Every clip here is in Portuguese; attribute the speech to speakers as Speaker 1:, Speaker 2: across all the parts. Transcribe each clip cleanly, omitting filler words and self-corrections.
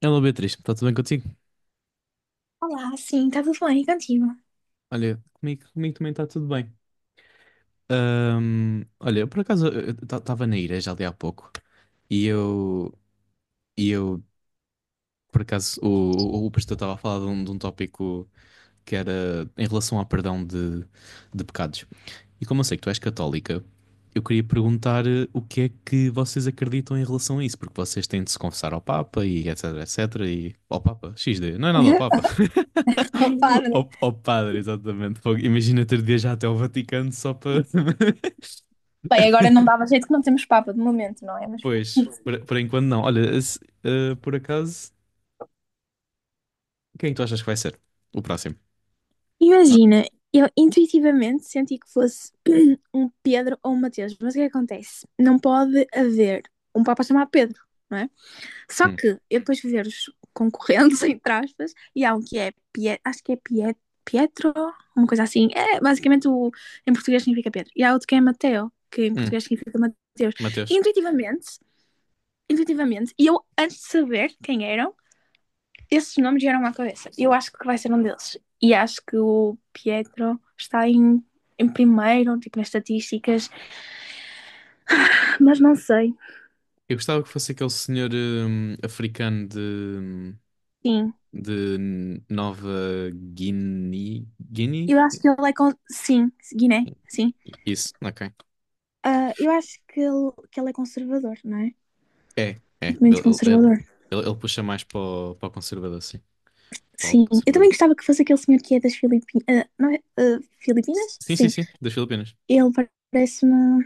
Speaker 1: Hello Beatriz, está tudo bem contigo?
Speaker 2: Olá, sim, está tudo bem e contigo?
Speaker 1: Olha, comigo também está tudo bem. Olha, eu por acaso estava na igreja ali há pouco e eu, e eu por acaso, o pastor estava a falar de um tópico que era em relação ao perdão de pecados. E como eu sei que tu és católica, eu queria perguntar o que é que vocês acreditam em relação a isso, porque vocês têm de se confessar ao Papa e etc, etc, e ao Papa, XD, não é nada ao Papa.
Speaker 2: Para, né?
Speaker 1: Ao padre, exatamente. Fogo. Imagina ter de viajar até ao Vaticano só para.
Speaker 2: Bem, agora não dava jeito que não temos papa de momento, não é? Mas pronto.
Speaker 1: Pois, por enquanto não. Olha, por acaso, quem tu achas que vai ser o próximo?
Speaker 2: Imagina, eu intuitivamente senti que fosse um Pedro ou um Mateus, mas o que é que acontece? Não pode haver um Papa chamado Pedro, não é? Só
Speaker 1: Hum.
Speaker 2: que eu depois fui ver os concorrentes, entre aspas, e há um que é Pie- acho que é Pie- Pietro, uma coisa assim. É, basicamente, em português significa Pedro. E há outro que é Mateo, que em
Speaker 1: Hum.
Speaker 2: português significa Mateus.
Speaker 1: Mateus.
Speaker 2: Intuitivamente, intuitivamente. E eu, antes de saber quem eram, esses nomes vieram à cabeça. Eu acho que vai ser um deles. E acho que o Pietro está em primeiro, tipo, nas estatísticas. Mas não sei.
Speaker 1: Eu gostava que fosse aquele senhor africano
Speaker 2: Sim.
Speaker 1: de Nova Guiné. Guiné?
Speaker 2: Eu acho que ele... é... Con... Sim, Guiné, sim.
Speaker 1: Isso, ok.
Speaker 2: Eu acho que ele é conservador, não é?
Speaker 1: É, é.
Speaker 2: Muito
Speaker 1: Ele-
Speaker 2: conservador.
Speaker 1: ele puxa mais para o conservador, sim. Para o lado
Speaker 2: Sim. Eu também
Speaker 1: conservador.
Speaker 2: gostava que fosse aquele senhor que é das Filipinas. Não é?
Speaker 1: S-
Speaker 2: Filipinas?
Speaker 1: Sim, sim,
Speaker 2: Sim.
Speaker 1: sim. Das Filipinas.
Speaker 2: Ele parece-me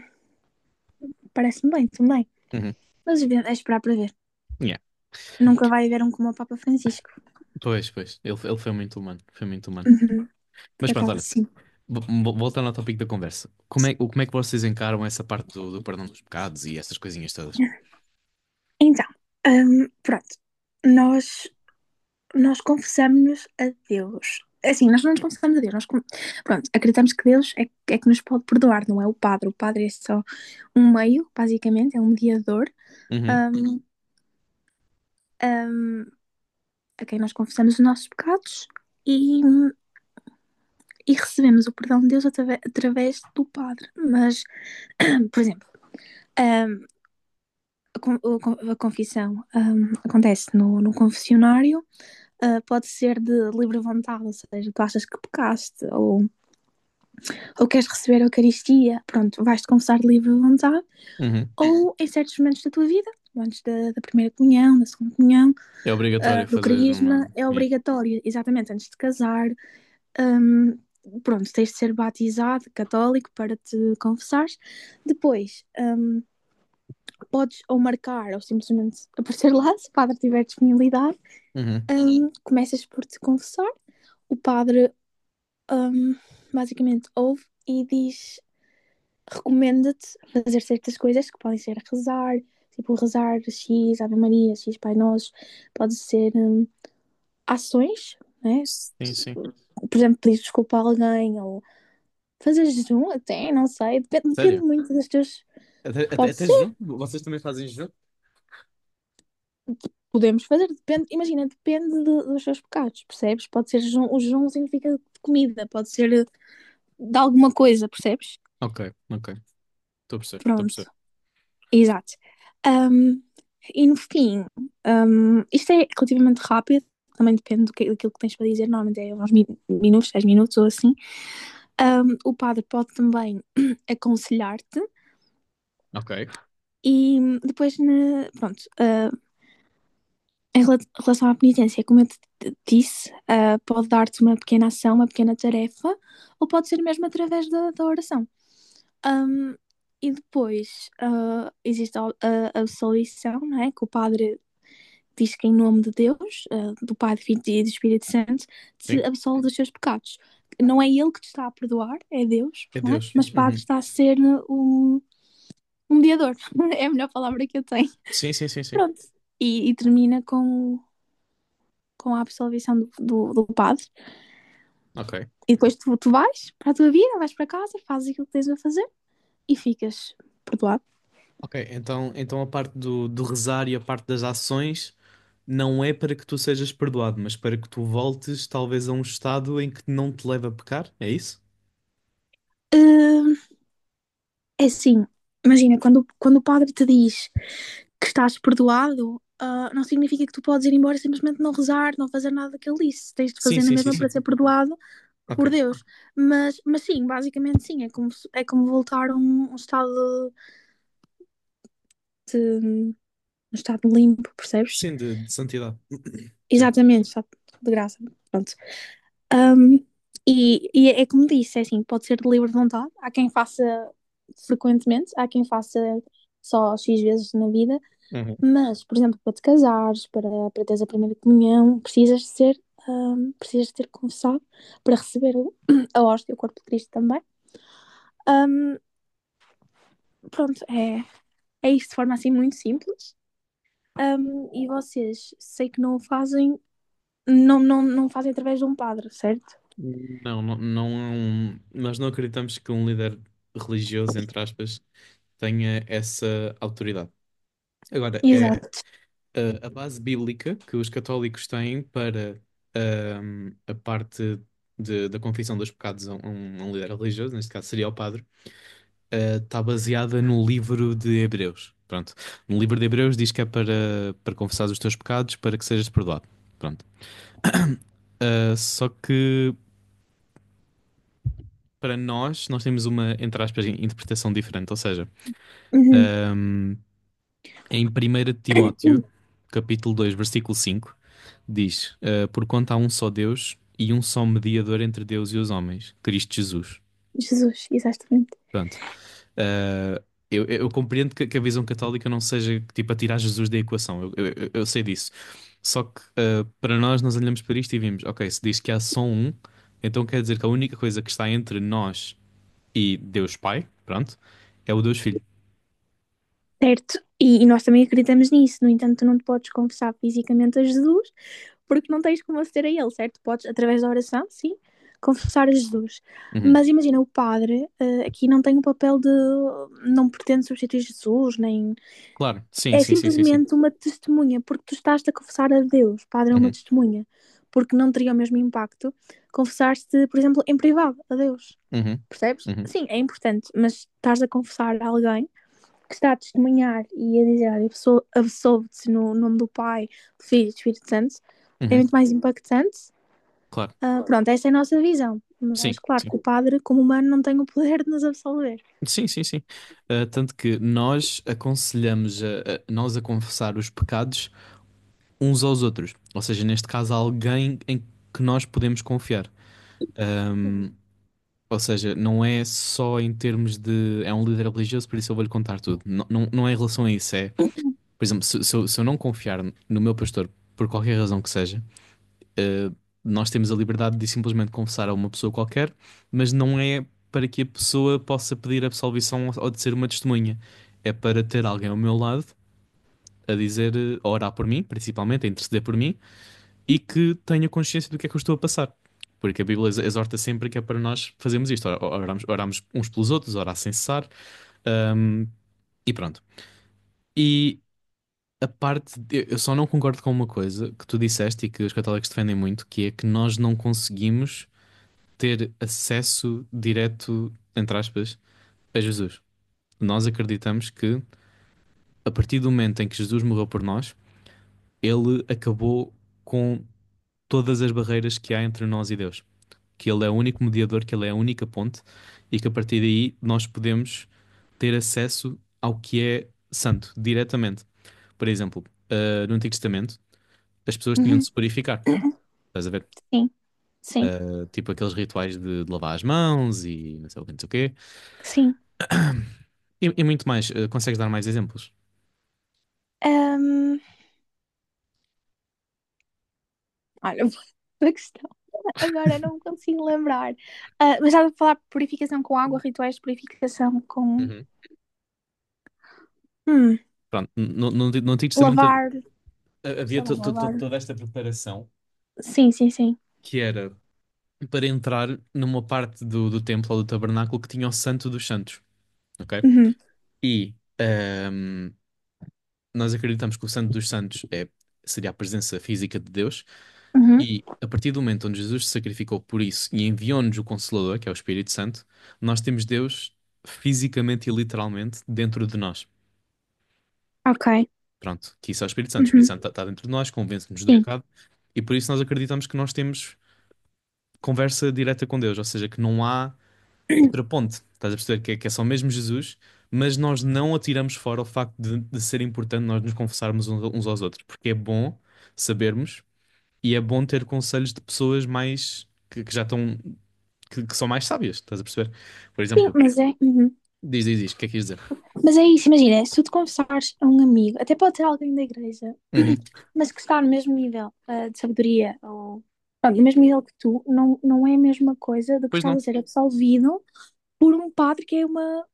Speaker 2: parece bem também.
Speaker 1: Uhum.
Speaker 2: Mas é esperar para ver.
Speaker 1: Yeah.
Speaker 2: Nunca vai haver um como o Papa Francisco.
Speaker 1: Pois, pois. Ele foi muito humano. Foi muito humano.
Speaker 2: Uhum, por
Speaker 1: Mas pronto,
Speaker 2: acaso,
Speaker 1: olha.
Speaker 2: sim.
Speaker 1: Voltando ao tópico da conversa. Como é, como é que vocês encaram essa parte do perdão dos pecados e essas coisinhas todas?
Speaker 2: Então, pronto. Nós, nós confessamos-nos a Deus. Assim, nós não nos confessamos a Deus. Pronto, acreditamos que Deus é que nos pode perdoar, não é o padre. O padre é só um meio, basicamente, é um mediador,
Speaker 1: Uhum,
Speaker 2: hum, hum, a quem nós confessamos os nossos pecados e, e recebemos o perdão de Deus através do padre. Mas, por exemplo, hum, a, con- a confissão acontece no confessionário, pode ser de livre vontade, ou seja, tu achas que pecaste ou queres receber a Eucaristia, pronto, vais-te confessar de livre vontade,
Speaker 1: uhum.
Speaker 2: ou em certos momentos da tua vida, antes da primeira comunhão, da segunda comunhão,
Speaker 1: É obrigatório
Speaker 2: do
Speaker 1: fazeres uma.
Speaker 2: crisma, é
Speaker 1: Yeah.
Speaker 2: obrigatório, exatamente, antes de casar, ahm, pronto, tens de ser batizado católico para te confessares. Depois, podes ou marcar ou simplesmente aparecer lá, se o padre tiver disponibilidade.
Speaker 1: Uhum.
Speaker 2: Começas por te confessar, o padre hum, basicamente ouve e diz, recomenda-te fazer certas coisas que podem ser rezar, tipo rezar X Ave Maria, X Pai Nosso, pode ser ações, né?
Speaker 1: Sim, sim.
Speaker 2: Por exemplo, pedir desculpa a alguém ou fazer jejum até, não sei, depende
Speaker 1: Sério?
Speaker 2: muito das tuas.
Speaker 1: Até, até,
Speaker 2: Pode
Speaker 1: até
Speaker 2: ser
Speaker 1: jejum? Vocês também fazem jejum?
Speaker 2: Podemos fazer, depende, imagina, depende dos seus pecados, percebes? Pode ser jejum, o jejum significa de comida, pode ser de alguma coisa, percebes?
Speaker 1: Ok, ok. Estou a perceber, estou a perceber.
Speaker 2: Pronto, exato. Ahm, e no fim, isto é relativamente rápido, também depende do que, daquilo que tens para dizer, normalmente é uns minutos, 10 minutos ou assim. O padre pode também aconselhar-te
Speaker 1: Ok,
Speaker 2: e depois, pronto, em relação à penitência, como eu te disse, pode dar-te uma pequena ação, uma pequena tarefa, ou pode ser mesmo através da oração. Ahm, e depois existe a absolvição, não é? Que o padre diz que, em nome de Deus, do Pai, do Filho e do Espírito Santo, te
Speaker 1: sim.
Speaker 2: absolve dos seus pecados. Não é ele que te está a perdoar, é Deus,
Speaker 1: É
Speaker 2: não é?
Speaker 1: Deus.
Speaker 2: Mas o padre
Speaker 1: Uhum.
Speaker 2: está a ser um, um mediador. É a melhor palavra que eu tenho.
Speaker 1: Sim, sim, sim, sim.
Speaker 2: Pronto. E termina com a absolvição do padre.
Speaker 1: Ok.
Speaker 2: E depois tu vais para a tua vida, vais para casa, fazes aquilo que tens a fazer e ficas perdoado.
Speaker 1: Ok, então a parte do rezar e a parte das ações. Não é para que tu sejas perdoado, mas para que tu voltes talvez a um estado em que não te leva a pecar, é isso?
Speaker 2: Hum, É assim, imagina, quando o padre te diz que estás perdoado, não significa que tu podes ir embora e simplesmente não rezar, não fazer nada que ele disse. Tens de
Speaker 1: Sim,
Speaker 2: fazer na
Speaker 1: sim, sim,
Speaker 2: mesma, sim, para
Speaker 1: sim.
Speaker 2: ser perdoado por
Speaker 1: Ok.
Speaker 2: Deus. Mas sim, basicamente sim, é como voltar a um estado limpo, percebes?
Speaker 1: Sim, de santidade. Sim.
Speaker 2: Exatamente, só de graça. Pronto. Um, e é como disse, é assim, pode ser de livre vontade. Há quem faça frequentemente, há quem faça só X vezes na vida,
Speaker 1: Uhum.
Speaker 2: mas, por exemplo, para te casares, para teres a primeira comunhão, precisas de ter confessado para receber a hóstia, o corpo de Cristo também. Um, Pronto, é isto de forma assim muito simples. E vocês, sei que não o fazem, não, não, não fazem através de um padre, certo?
Speaker 1: Não, não, não, nós não acreditamos que um líder religioso, entre aspas, tenha essa autoridade. Agora, é
Speaker 2: Exato.
Speaker 1: a base bíblica que os católicos têm para a parte da confissão dos pecados a um líder religioso, neste caso seria o padre está baseada no livro de Hebreus. Pronto. No livro de Hebreus diz que é para confessar os teus pecados para que sejas perdoado. Pronto. Ah, só que para nós temos uma, entre aspas, interpretação diferente. Ou seja,
Speaker 2: Uhum.
Speaker 1: ahm, em 1 Timóteo, capítulo 2 versículo 5 diz: Porquanto há um só Deus e um só mediador entre Deus e os homens, Cristo Jesus.
Speaker 2: Jesus, exatamente.
Speaker 1: Pronto. Uh, eu compreendo que a visão católica não seja tipo a tirar Jesus da equação, eu sei disso. Só que para nós, nós olhamos para isto e vimos: ok, se diz que há só um, então quer dizer que a única coisa que está entre nós e Deus Pai, pronto, é o Deus Filho.
Speaker 2: Certo. E nós também acreditamos nisso. No entanto, tu não te podes confessar fisicamente a Jesus, porque não tens como aceder a Ele, certo? Podes, através da oração, sim, confessar a Jesus.
Speaker 1: Uhum.
Speaker 2: Mas imagina, o padre, aqui não tem o papel de. Não pretende substituir Jesus, nem.
Speaker 1: Claro, sim,
Speaker 2: É
Speaker 1: sim, sim, sim, sim.
Speaker 2: simplesmente uma testemunha, porque tu estás-te a confessar a Deus. O padre é uma
Speaker 1: Uhum,
Speaker 2: testemunha, porque não teria o mesmo impacto confessar-te, por exemplo, em privado a Deus.
Speaker 1: uhum,
Speaker 2: Percebes?
Speaker 1: uhum,
Speaker 2: Sim, é importante, mas estás a confessar a alguém que está a testemunhar e a dizer, olha, absolve-te no nome do Pai, do Filho e do Espírito Santo, é
Speaker 1: uhum.
Speaker 2: muito mais impactante.
Speaker 1: Claro,
Speaker 2: Pronto, essa é a nossa visão. Mas
Speaker 1: sim,
Speaker 2: claro
Speaker 1: sim.
Speaker 2: que o padre, como humano, não tem o poder de nos absolver.
Speaker 1: Sim, sim, sim. Tanto que nós aconselhamos nós a confessar os pecados uns aos outros. Ou seja, neste caso, alguém em que nós podemos confiar. Ahm, ou seja, não é só em termos de é um líder religioso, por isso eu vou-lhe contar tudo. Não, não, não é em relação a isso. É, por exemplo, se eu não confiar no meu pastor, por qualquer razão que seja, eh, nós temos a liberdade de simplesmente confessar a uma pessoa qualquer, mas não é para que a pessoa possa pedir absolvição de ser uma testemunha. É para ter alguém ao meu lado a dizer, a orar por mim, principalmente, a interceder por mim, e que tenha consciência do que é que eu estou a passar. Porque a Bíblia exorta sempre que é para nós fazermos isto. Oramos uns pelos outros, orar sem cessar, hum, e pronto. E eu só não concordo com uma coisa que tu disseste e que os católicos defendem muito, que é que nós não conseguimos ter acesso direto, entre aspas, a Jesus. Nós acreditamos que a partir do momento em que Jesus morreu por nós, ele acabou com todas as barreiras que há entre nós e Deus. Que ele é o único mediador, que ele é a única ponte, e que a partir daí nós podemos ter acesso ao que é santo, diretamente. Por exemplo, no Antigo Testamento, as pessoas tinham de se purificar. Estás a ver?
Speaker 2: Sim, sim,
Speaker 1: Ah, tipo aqueles rituais de lavar as mãos e não sei o que, não sei o quê.
Speaker 2: sim.
Speaker 1: E muito mais. Ah, consegues dar mais exemplos?
Speaker 2: Ahm, Olha, a questão agora não me consigo lembrar. Mas estava a falar de purificação com água, rituais de purificação com
Speaker 1: Uhum.
Speaker 2: hum,
Speaker 1: Pronto, no Antigo Testamento
Speaker 2: lavar, sei
Speaker 1: havia
Speaker 2: lá,
Speaker 1: to- to- to-
Speaker 2: lavar.
Speaker 1: toda esta preparação
Speaker 2: Sim, sim, sim.
Speaker 1: que era para entrar numa parte do templo ou do tabernáculo que tinha o Santo dos Santos, ok?
Speaker 2: Uhum,
Speaker 1: E nós acreditamos que o Santo dos Santos seria a presença física de Deus,
Speaker 2: uhum,
Speaker 1: e a partir do momento onde Jesus se sacrificou por isso e enviou-nos o Consolador, que é o Espírito Santo, nós temos Deus fisicamente e literalmente dentro de nós.
Speaker 2: ok.
Speaker 1: Pronto, que isso é o Espírito Santo. O Espírito
Speaker 2: Uhum,
Speaker 1: Santo está dentro de nós, convence-nos do
Speaker 2: sim.
Speaker 1: pecado, e por isso nós acreditamos que nós temos conversa direta com Deus, ou seja, que não há outra ponte. Estás a perceber que é, só mesmo Jesus, mas nós não atiramos fora o facto de ser importante nós nos confessarmos uns aos outros, porque é bom sabermos. E é bom ter conselhos de pessoas mais que já estão que são mais sábias, estás a perceber? Por
Speaker 2: Sim,
Speaker 1: exemplo,
Speaker 2: mas é, uhum.
Speaker 1: diz, o que é que quis dizer?
Speaker 2: Mas é isso, imagina, se tu te confessares a um amigo, até pode ser alguém da igreja,
Speaker 1: Uhum.
Speaker 2: mas que está no mesmo nível, de sabedoria ou pronto, no mesmo nível que tu, não, não é a mesma coisa do que
Speaker 1: Pois
Speaker 2: estás a
Speaker 1: não.
Speaker 2: ser absolvido por um padre que é uma,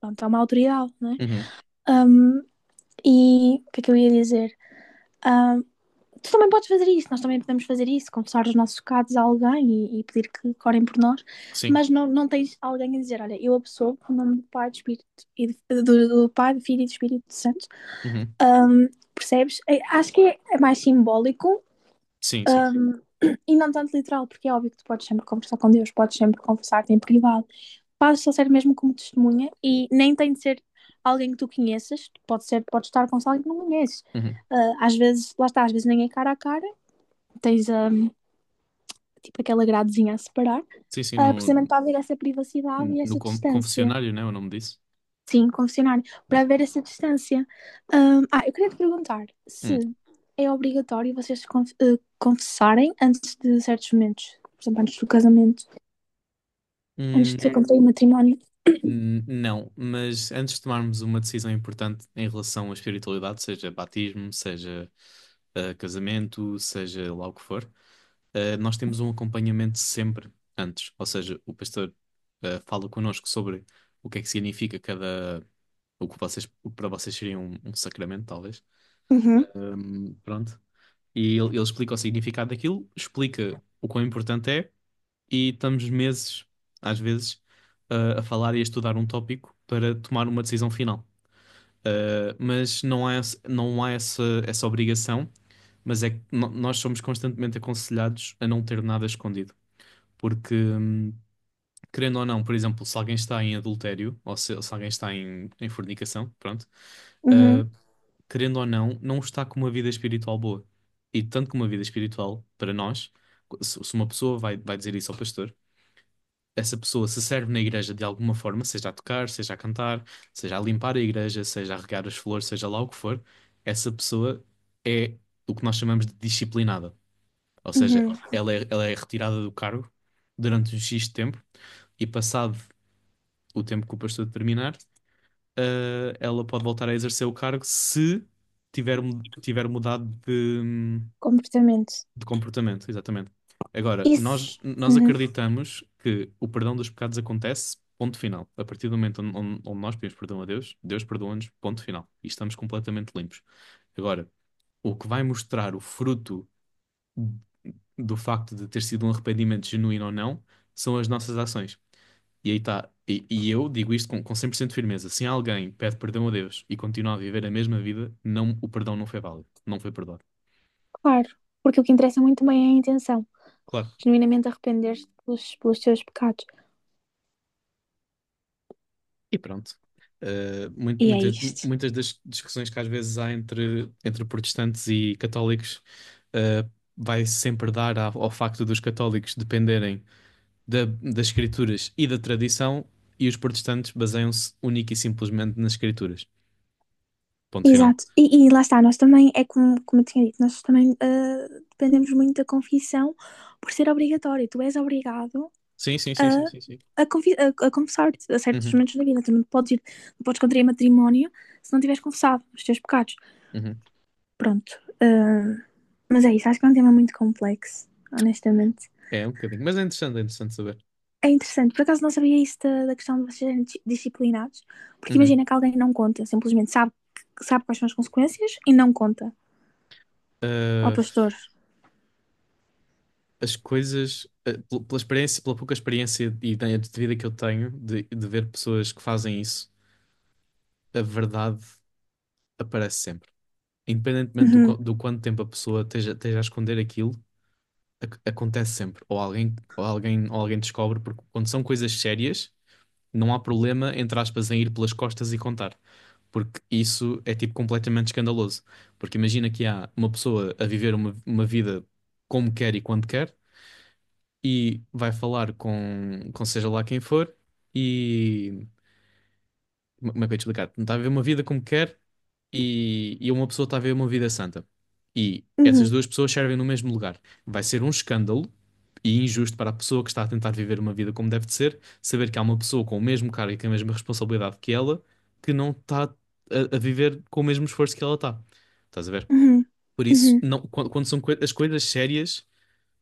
Speaker 2: pronto, é uma autoridade, não é?
Speaker 1: Uhum.
Speaker 2: Ahm, e o que é que eu ia dizer? Ah, Tu também podes fazer isso, nós também podemos fazer isso, confessar os nossos pecados a alguém e pedir que orem por nós,
Speaker 1: Sim,
Speaker 2: mas não tens alguém a dizer, olha, eu absolvo o nome e do Pai, do Filho e do Espírito Santo.
Speaker 1: Uhum.
Speaker 2: Ahm, Percebes? Acho que é mais simbólico,
Speaker 1: sim, sim.
Speaker 2: ahm, e não tanto literal, porque é óbvio que tu podes sempre conversar com Deus, podes sempre conversar-te em privado. Fazes só ser mesmo como testemunha e nem tem de ser alguém que tu conheças, pode ser, pode estar com alguém que não conheces.
Speaker 1: Uhum.
Speaker 2: Às vezes, lá está, às vezes nem é cara a cara, tens um, tipo aquela gradezinha a separar,
Speaker 1: Sim, sim, no,
Speaker 2: precisamente para haver essa privacidade e
Speaker 1: no
Speaker 2: essa
Speaker 1: con-
Speaker 2: distância.
Speaker 1: confessionário, né? O nome disso.
Speaker 2: Sim, confessionário,
Speaker 1: É.
Speaker 2: para haver essa distância. Eu queria te perguntar se
Speaker 1: Uhum.
Speaker 2: é obrigatório vocês confessarem antes de certos momentos, por exemplo, antes do casamento, antes
Speaker 1: Hum,
Speaker 2: de cumprir o matrimónio.
Speaker 1: não, mas antes de tomarmos uma decisão importante em relação à espiritualidade, seja batismo, seja casamento, seja lá o que for, nós temos um acompanhamento sempre antes, ou seja, o pastor fala connosco sobre o que é que significa cada, o que vocês, o que para vocês seria um sacramento, talvez.
Speaker 2: Uhum,
Speaker 1: Pronto. E ele explica o significado daquilo, explica o quão importante é, e estamos meses, às vezes, a falar e a estudar um tópico para tomar uma decisão final. Mas não há, não há essa obrigação, mas é que nós somos constantemente aconselhados a não ter nada escondido. Porque, querendo ou não, por exemplo, se alguém está em adultério, ou se alguém está em fornicação, pronto,
Speaker 2: uhum,
Speaker 1: uh, querendo ou não, não está com uma vida espiritual boa. E tanto que uma vida espiritual, para nós, se uma pessoa vai dizer isso ao pastor, essa pessoa se serve na igreja de alguma forma, seja a tocar, seja a cantar, seja a limpar a igreja, seja a regar as flores, seja lá o que for, essa pessoa é o que nós chamamos de disciplinada. Ou seja,
Speaker 2: uhum.
Speaker 1: ela é retirada do cargo durante um X tempo e passado o tempo que o pastor determinar, ela pode voltar a exercer o cargo se tiver, tiver mudado de,
Speaker 2: Completamente.
Speaker 1: de comportamento, exatamente. Agora,
Speaker 2: Isso,
Speaker 1: nós
Speaker 2: uhum,
Speaker 1: acreditamos que o perdão dos pecados acontece, ponto final. A partir do momento onde nós pedimos perdão a Deus, Deus perdoa-nos, ponto final. E estamos completamente limpos. Agora, o que vai mostrar o fruto do facto de ter sido um arrependimento genuíno ou não são as nossas ações. E aí está. E eu digo isto com 100% de firmeza. Se alguém pede perdão a Deus e continua a viver a mesma vida, não, o perdão não foi válido. Não foi perdoado.
Speaker 2: claro. Porque o que interessa muito bem é a intenção.
Speaker 1: Claro.
Speaker 2: Genuinamente arrepender-te pelos teus pecados.
Speaker 1: E pronto. Uh, mui-
Speaker 2: E é
Speaker 1: muitas,
Speaker 2: isto.
Speaker 1: muitas das discussões que às vezes há entre protestantes e católicos, uh, vai sempre dar ao facto dos católicos dependerem das escrituras e da tradição, e os protestantes baseiam-se única e simplesmente nas escrituras. Ponto final.
Speaker 2: Exato. E lá está, nós também, é como, como eu tinha dito, nós também, dependemos muito da confissão por ser obrigatório. Tu és obrigado
Speaker 1: Sim, sim, sim,
Speaker 2: a,
Speaker 1: sim, sim, sim.
Speaker 2: a confessar-te a certos
Speaker 1: Uhum,
Speaker 2: momentos da vida. Tu não podes contrair matrimónio se não tiveres confessado os teus pecados.
Speaker 1: uhum.
Speaker 2: Pronto. Mas é isso, acho que é um tema muito complexo, honestamente.
Speaker 1: É, um bocadinho. Mas é interessante saber.
Speaker 2: É interessante, por acaso não sabia isso da questão de vocês serem disciplinados, porque
Speaker 1: Uhum.
Speaker 2: imagina que alguém não conta, simplesmente sabe, sabe quais são as consequências e não conta ao
Speaker 1: Ah,
Speaker 2: pastor.
Speaker 1: as coisas, pela experiência, pela pouca experiência e ideia de vida que eu tenho de ver pessoas que fazem isso, a verdade aparece sempre. Independentemente do,
Speaker 2: Uhum,
Speaker 1: qu- do quanto tempo a pessoa esteja, a esconder aquilo, acontece sempre. Ou alguém descobre, porque quando são coisas sérias, não há problema, entre aspas, em ir pelas costas e contar. Porque isso é tipo completamente escandaloso. Porque imagina que há uma pessoa a viver uma vida como quer e quando quer, e vai falar com seja lá quem for, e como é que eu ia te explicar? Tentar viver uma vida como quer e uma pessoa está a viver uma vida santa. E essas
Speaker 2: uhum,
Speaker 1: duas pessoas servem no mesmo lugar. Vai ser um escândalo e injusto para a pessoa que está a tentar viver uma vida como deve de ser, saber que há uma pessoa com o mesmo cargo e com a mesma responsabilidade que ela que não está a viver com o mesmo esforço que ela está. Estás a ver?
Speaker 2: uhum,
Speaker 1: Por isso,
Speaker 2: uhum,
Speaker 1: não, quando são as coisas sérias,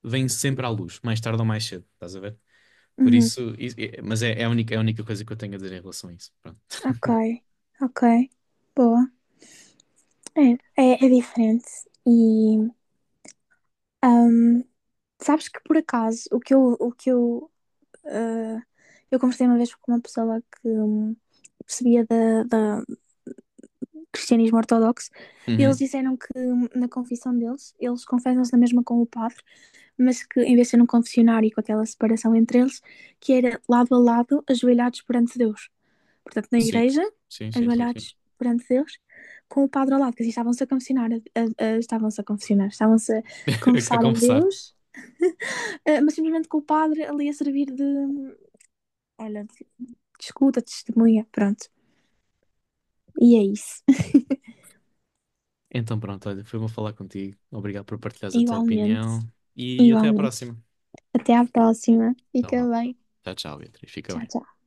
Speaker 1: vêm sempre à luz, mais tarde ou mais cedo. Estás a ver? Por
Speaker 2: uhum.
Speaker 1: isso, mas é a única, é a única, coisa que eu tenho a dizer em relação a isso. Pronto.
Speaker 2: Ok, ok, boa. É, é diferente. E ahm, sabes que por acaso o que eu, ah, eu conversei uma vez com uma pessoa que percebia cristianismo ortodoxo. Eles
Speaker 1: Uhum.
Speaker 2: disseram que na confissão deles, eles confessam-se na mesma com o padre, mas que em vez de ser num confessionário com aquela separação entre eles, que era lado a lado, ajoelhados perante Deus. Portanto, na
Speaker 1: Sim,
Speaker 2: igreja,
Speaker 1: sim, sim, sim, sim.
Speaker 2: ajoelhados perante Deus, com o padre ao lado, que assim estavam-se a
Speaker 1: A
Speaker 2: confessar a
Speaker 1: conversar.
Speaker 2: Deus, mas simplesmente com o padre ali a servir de, olha, de escuta, de testemunha, pronto. E é isso.
Speaker 1: Então pronto, olha, foi bom falar contigo. Obrigado por partilhares a tua
Speaker 2: Igualmente,
Speaker 1: opinião e até à
Speaker 2: igualmente.
Speaker 1: próxima.
Speaker 2: Até à próxima.
Speaker 1: Então
Speaker 2: Fica
Speaker 1: vá.
Speaker 2: bem.
Speaker 1: Tchau, tchau, Beatriz. Fica
Speaker 2: Tchau,
Speaker 1: bem.
Speaker 2: tchau.